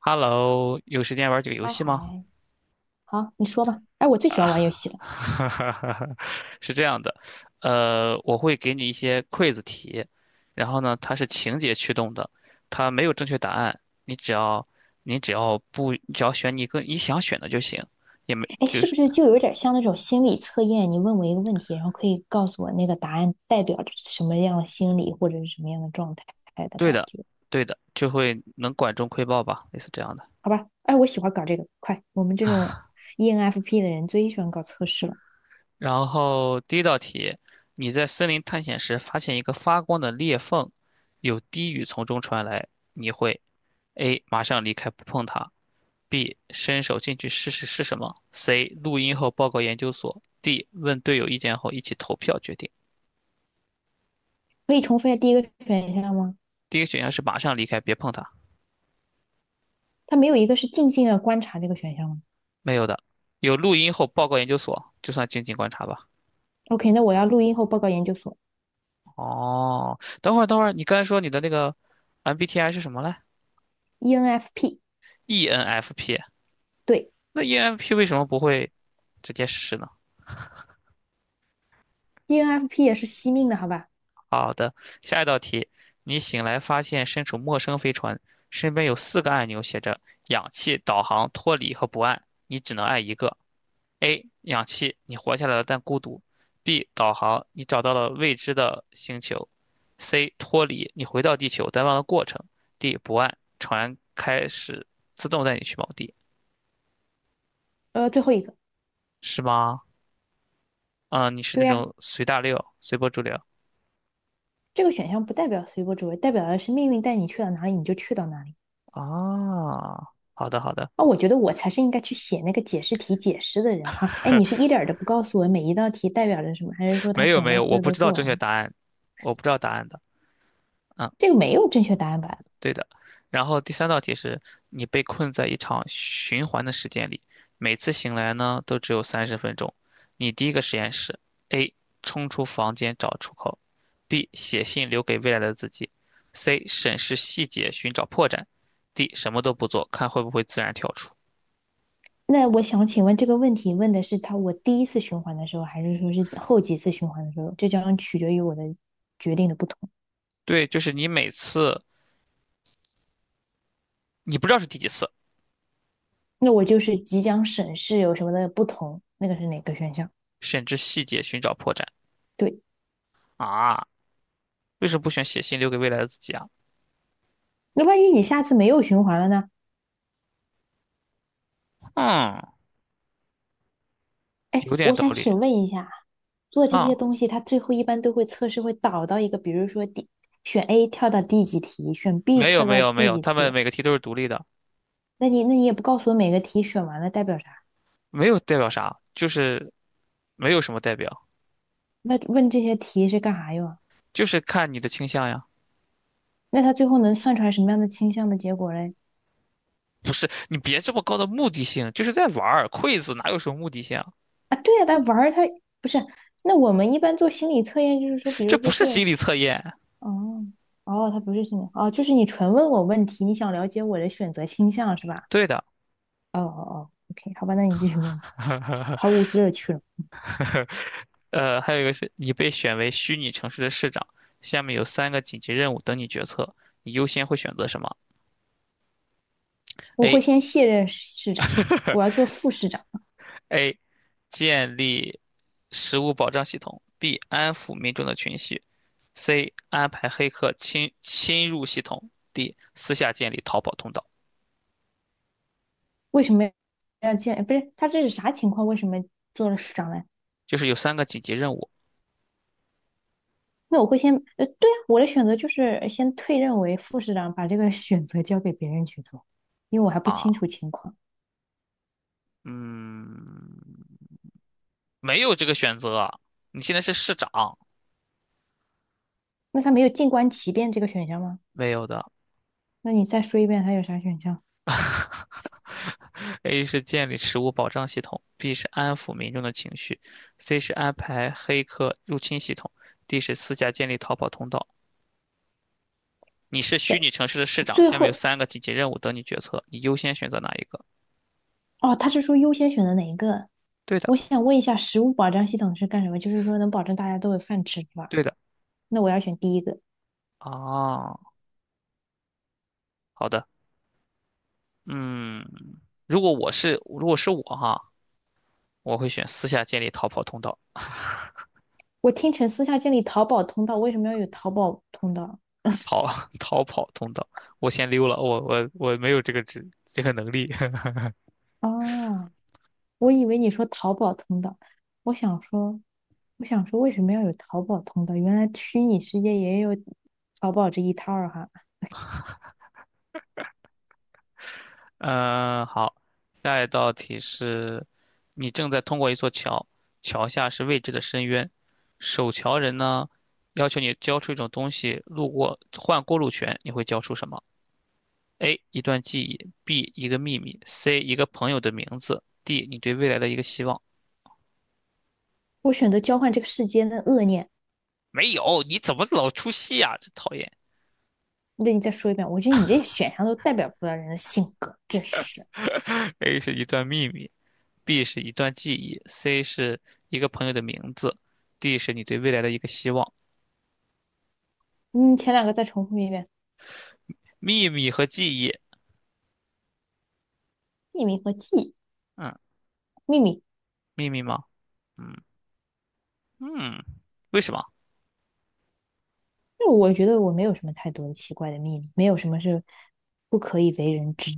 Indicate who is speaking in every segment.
Speaker 1: Hello，有时间玩几个游
Speaker 2: 他
Speaker 1: 戏吗？
Speaker 2: 还好，你说吧。哎，我最喜欢玩
Speaker 1: 啊，
Speaker 2: 游戏了。
Speaker 1: 是这样的，我会给你一些 quiz 题，然后呢，它是情节驱动的，它没有正确答案，你只要你只要不，只要选你跟你想选的就行，也没
Speaker 2: 哎，
Speaker 1: 就
Speaker 2: 是不
Speaker 1: 是
Speaker 2: 是就有点像那种心理测验？你问我一个问题，然后可以告诉我那个答案代表着什么样的心理或者是什么样的状态的
Speaker 1: 对
Speaker 2: 感
Speaker 1: 的，
Speaker 2: 觉？
Speaker 1: 对的，就会能管中窥豹吧，类似这样的。
Speaker 2: 好吧。哎，我喜欢搞这个。快，我们这种 ENFP 的人最喜欢搞测试了。
Speaker 1: 然后第一道题，你在森林探险时发现一个发光的裂缝，有低语从中传来，你会？A. 马上离开不碰它；B. 伸手进去试试是什么；C. 录音后报告研究所；D. 问队友意见后一起投票决定。
Speaker 2: 可以重复一下第一个选项吗？
Speaker 1: 第一个选项是马上离开，别碰它，
Speaker 2: 它没有一个是静静的观察这个选项吗
Speaker 1: 没有的。有录音后报告研究所，就算静静观察吧。
Speaker 2: ？OK,那我要录音后报告研究所。
Speaker 1: 哦，等会儿等会儿，你刚才说你的那个 MBTI 是什么来
Speaker 2: ENFP,
Speaker 1: ？ENFP，
Speaker 2: 对
Speaker 1: 那 ENFP 为什么不会直接试呢？
Speaker 2: ，ENFP 也是惜命的，好吧？
Speaker 1: 好的，下一道题，你醒来发现身处陌生飞船，身边有四个按钮写着氧气、导航、脱离和不按，你只能按一个。A. 氧气，你活下来了但孤独；B. 导航，你找到了未知的星球；C. 脱离，你回到地球但忘了过程；D. 不按，船开始自动带你去某地，
Speaker 2: 最后一个，
Speaker 1: 是吗？嗯，你是
Speaker 2: 对
Speaker 1: 那
Speaker 2: 呀、
Speaker 1: 种随大溜、随波逐流
Speaker 2: 这个选项不代表随波逐流，代表的是命运带你去到哪里你就去到哪里。
Speaker 1: 啊？好的，好的。
Speaker 2: 啊，我觉得我才是应该去写那个解释题解释的人哈。哎，你 是一点儿都不告诉我每一道题代表着什么，还是说他
Speaker 1: 没有
Speaker 2: 等
Speaker 1: 没
Speaker 2: 到
Speaker 1: 有，
Speaker 2: 所
Speaker 1: 我
Speaker 2: 有
Speaker 1: 不
Speaker 2: 都
Speaker 1: 知道
Speaker 2: 做
Speaker 1: 正确
Speaker 2: 完？
Speaker 1: 答案，我不知道答案的。嗯，
Speaker 2: 这个没有正确答案吧？
Speaker 1: 对的。然后第三道题是你被困在一场循环的时间里，每次醒来呢都只有三十分钟。你第一个实验是 A 冲出房间找出口，B 写信留给未来的自己，C 审视细节寻找破绽，D 什么都不做看会不会自然跳出。
Speaker 2: 那我想请问这个问题问的是他我第一次循环的时候，还是说是后几次循环的时候？这将取决于我的决定的不同。
Speaker 1: 对，就是你每次你不知道是第几次，
Speaker 2: 那我就是即将审视有什么的不同，那个是哪个选项？
Speaker 1: 审视细节寻找破绽
Speaker 2: 对，
Speaker 1: 啊？为什么不选写信留给未来的自己啊？
Speaker 2: 那万一你下次没有循环了呢？
Speaker 1: 嗯，
Speaker 2: 哎，
Speaker 1: 有点
Speaker 2: 我
Speaker 1: 道
Speaker 2: 想
Speaker 1: 理
Speaker 2: 请问一下，做这些
Speaker 1: 啊。
Speaker 2: 东西，它最后一般都会测试会导到一个，比如说第选 A 跳到第几题，选 B
Speaker 1: 没有
Speaker 2: 跳
Speaker 1: 没
Speaker 2: 到
Speaker 1: 有没
Speaker 2: 第
Speaker 1: 有，
Speaker 2: 几
Speaker 1: 他们
Speaker 2: 题。
Speaker 1: 每个题都是独立的，
Speaker 2: 那你也不告诉我每个题选完了代表啥？
Speaker 1: 没有代表啥，就是没有什么代表，
Speaker 2: 那问这些题是干啥用啊？
Speaker 1: 就是看你的倾向呀。
Speaker 2: 那他最后能算出来什么样的倾向的结果嘞？
Speaker 1: 不是，你别这么高的目的性，就是在玩儿，quiz 哪有什么目的性啊？
Speaker 2: 啊，对呀、啊但玩儿他不是。那我们一般做心理测验，就是说，比
Speaker 1: 这
Speaker 2: 如
Speaker 1: 不
Speaker 2: 说
Speaker 1: 是
Speaker 2: 做了，
Speaker 1: 心理测验。
Speaker 2: 哦哦，他不是心理，哦，就是你纯问我问题，你想了解我的选择倾向是吧？
Speaker 1: 对的，
Speaker 2: 哦哦哦，OK,好吧，那你继续问，毫 无乐趣了。
Speaker 1: 还有一个是你被选为虚拟城市的市长，下面有三个紧急任务等你决策，你优先会选择什么
Speaker 2: 我会
Speaker 1: ？A
Speaker 2: 先卸任市长，我要做 副市长。
Speaker 1: A，建立食物保障系统；B，安抚民众的情绪 C 安排黑客侵入系统；D 私下建立逃跑通道。
Speaker 2: 为什么要见？不是，他这是啥情况？为什么做了市长呢？
Speaker 1: 就是有三个紧急任务
Speaker 2: 那我会先，对啊，我的选择就是先退任为副市长，把这个选择交给别人去做，因为我还不清楚
Speaker 1: 啊，
Speaker 2: 情况。
Speaker 1: 嗯，没有这个选择啊你现在是市长，
Speaker 2: 那他没有静观其变这个选项吗？
Speaker 1: 没有的。
Speaker 2: 那你再说一遍，他有啥选项？
Speaker 1: A 是建立食物保障系统，B 是安抚民众的情绪，C 是安排黑客入侵系统，D 是私下建立逃跑通道。你是虚拟城市的市长，
Speaker 2: 最
Speaker 1: 下面有
Speaker 2: 后，
Speaker 1: 三个紧急任务等你决策，你优先选择哪一个？
Speaker 2: 哦，他是说优先选择哪一个？
Speaker 1: 对的，
Speaker 2: 我想问一下，食物保障系统是干什么？就是说能保证大家都有饭吃，是吧？
Speaker 1: 对的。
Speaker 2: 那我要选第一个。
Speaker 1: 啊，好的。嗯，如果是我哈，我会选私下建立逃跑通道，
Speaker 2: 我听成私下建立淘宝通道，为什么要有淘宝通道？
Speaker 1: 逃 逃跑通道，我先溜了，我没有这个职这个能力。
Speaker 2: 啊？我以为你说淘宝通道，我想说，我想说为什么要有淘宝通道？原来虚拟世界也有淘宝这一套儿哈。
Speaker 1: 嗯，好，下一道题是，你正在通过一座桥，桥下是未知的深渊，守桥人呢要求你交出一种东西，路过换过路权，你会交出什么？A 一段记忆，B 一个秘密，C 一个朋友的名字，D 你对未来的一个希望。
Speaker 2: 我选择交换这个世间的恶念。
Speaker 1: 没有，你怎么老出戏啊？真讨厌。
Speaker 2: 那你再说一遍，我觉得你这选项都代表不了人的性格，真是。
Speaker 1: A 是一段秘密，B 是一段记忆，C 是一个朋友的名字，D 是你对未来的一个希望。
Speaker 2: 嗯，前两个再重复一遍，
Speaker 1: 秘密和记忆，
Speaker 2: 秘密和记忆
Speaker 1: 嗯，
Speaker 2: 秘密，
Speaker 1: 秘密吗？嗯嗯，为什么？
Speaker 2: 那我觉得我没有什么太多的奇怪的秘密，没有什么是不可以为人知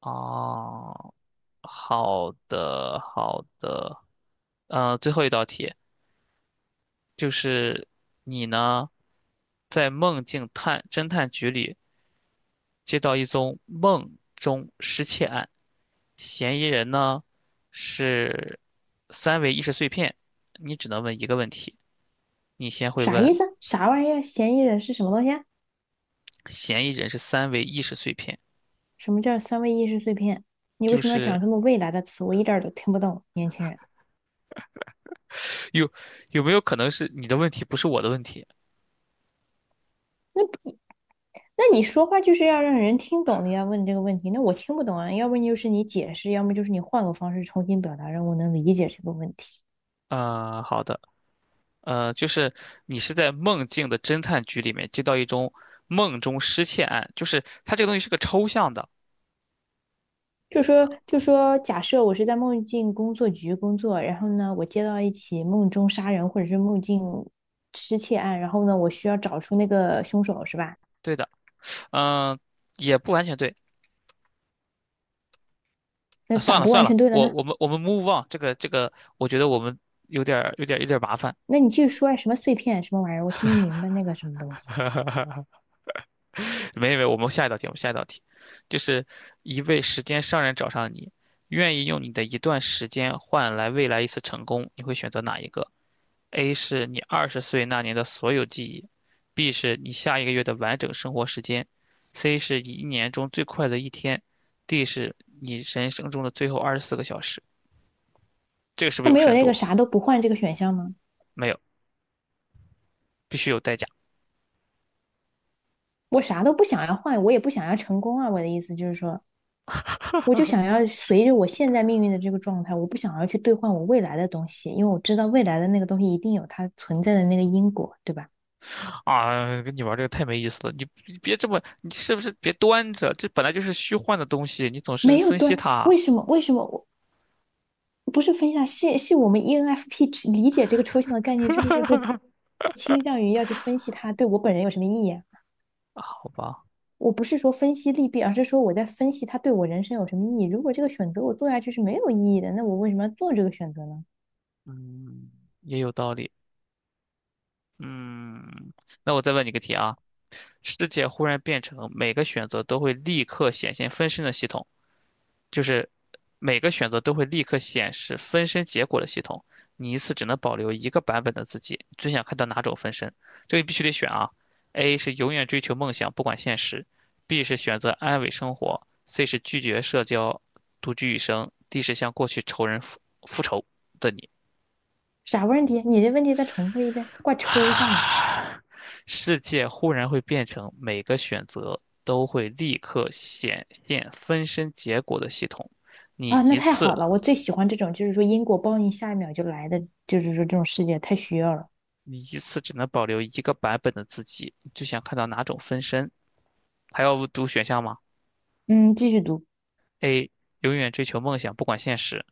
Speaker 1: 哦，好的好的，最后一道题就是你呢，在梦境侦探局里接到一宗梦中失窃案，嫌疑人呢是三维意识碎片，你只能问一个问题，你先会
Speaker 2: 啥意
Speaker 1: 问
Speaker 2: 思？啥玩意儿？嫌疑人是什么东西啊
Speaker 1: 嫌疑人是三维意识碎片，
Speaker 2: 什么叫三维意识碎片？你为
Speaker 1: 就
Speaker 2: 什么要
Speaker 1: 是
Speaker 2: 讲这么未来的词？我一点儿都听不懂，年轻人。
Speaker 1: 有有没有可能是你的问题不是我的问题？
Speaker 2: 那你说话就是要让人听懂的呀，要问这个问题，那我听不懂啊。要不然就是你解释，要么就是你换个方式重新表达，让我能理解这个问题。
Speaker 1: 好的，就是你是在梦境的侦探局里面接到一宗梦中失窃案，就是它这个东西是个抽象的，
Speaker 2: 就说就说，假设我是在梦境工作局工作，然后呢，我接到一起梦中杀人或者是梦境失窃案，然后呢，我需要找出那个凶手，是吧？
Speaker 1: 对的，嗯、也不完全对。
Speaker 2: 那
Speaker 1: 啊
Speaker 2: 咋
Speaker 1: 算了
Speaker 2: 不
Speaker 1: 算
Speaker 2: 完
Speaker 1: 了，
Speaker 2: 全对了
Speaker 1: 我
Speaker 2: 呢？
Speaker 1: 我们我们 move on，这个，我觉得我们有点儿麻烦。
Speaker 2: 那你继续说呀，什么碎片什么玩意儿，我听不明白那个什么东西。
Speaker 1: 没有没有，我们下一道题，就是一位时间商人找上你，愿意用你的一段时间换来未来一次成功，你会选择哪一个？A 是你二十岁那年的所有记忆，B 是你下一个月的完整生活时间，C 是你一年中最快乐的一天，D 是你人生中的最后二十四个小时。这个是不
Speaker 2: 它
Speaker 1: 是有
Speaker 2: 没有
Speaker 1: 深
Speaker 2: 那个
Speaker 1: 度？
Speaker 2: 啥都不换这个选项吗？
Speaker 1: 没有，必须有代价。
Speaker 2: 我啥都不想要换，我也不想要成功啊。我的意思就是说，我就想要随着我现在命运的这个状态，我不想要去兑换我未来的东西，因为我知道未来的那个东西一定有它存在的那个因果，对吧？
Speaker 1: 啊，跟你玩这个太没意思了，你别这么，你是不是别端着？这本来就是虚幻的东西，你总是
Speaker 2: 没有
Speaker 1: 分析
Speaker 2: 断，
Speaker 1: 它，
Speaker 2: 为什么？为什么我不是分享？是我们 ENFP 理解这个抽象的概念，就是会倾向于要去分析它对我本人有什么意义啊。
Speaker 1: 啊好吧？
Speaker 2: 我不是说分析利弊，而是说我在分析它对我人生有什么意义。如果这个选择我做下去是没有意义的，那我为什么要做这个选择呢？
Speaker 1: 嗯，也有道理。嗯，那我再问你个题啊，世界忽然变成每个选择都会立刻显现分身的系统。就是每个选择都会立刻显示分身结果的系统，你一次只能保留一个版本的自己。最想看到哪种分身？这个必须得选啊！A 是永远追求梦想，不管现实；B 是选择安稳生活；C 是拒绝社交，独居一生；D 是向过去仇人复仇的你。
Speaker 2: 啥问题？你这问题再重复一遍，怪抽象的
Speaker 1: 啊，世界忽然会变成每个选择都会立刻显现分身结果的系统，你
Speaker 2: 啊！那
Speaker 1: 一
Speaker 2: 太
Speaker 1: 次。
Speaker 2: 好了，我最喜欢这种，就是说因果报应下一秒就来的，就是说这种世界太需要了。
Speaker 1: 你一次只能保留一个版本的自己，你最想看到哪种分身？还要读选项吗
Speaker 2: 嗯，继续读
Speaker 1: ？A. 永远追求梦想，不管现实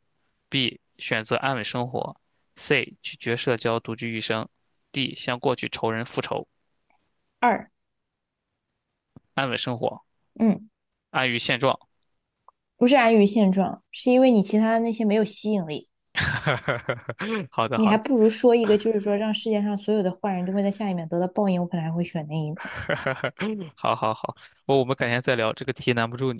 Speaker 1: ；B. 选择安稳生活；C. 拒绝社交，独居一生；D. 向过去仇人复仇，
Speaker 2: 二，
Speaker 1: 安稳生活，
Speaker 2: 嗯，
Speaker 1: 安于现状。
Speaker 2: 不是安于现状，是因为你其他的那些没有吸引力，
Speaker 1: 好的，
Speaker 2: 你
Speaker 1: 好
Speaker 2: 还
Speaker 1: 的，
Speaker 2: 不如说一个，就是说让世界上所有的坏人都会在下一秒得到报应，我可能还会选那一个。
Speaker 1: 好好好，我们改天再聊，这个题难不住你。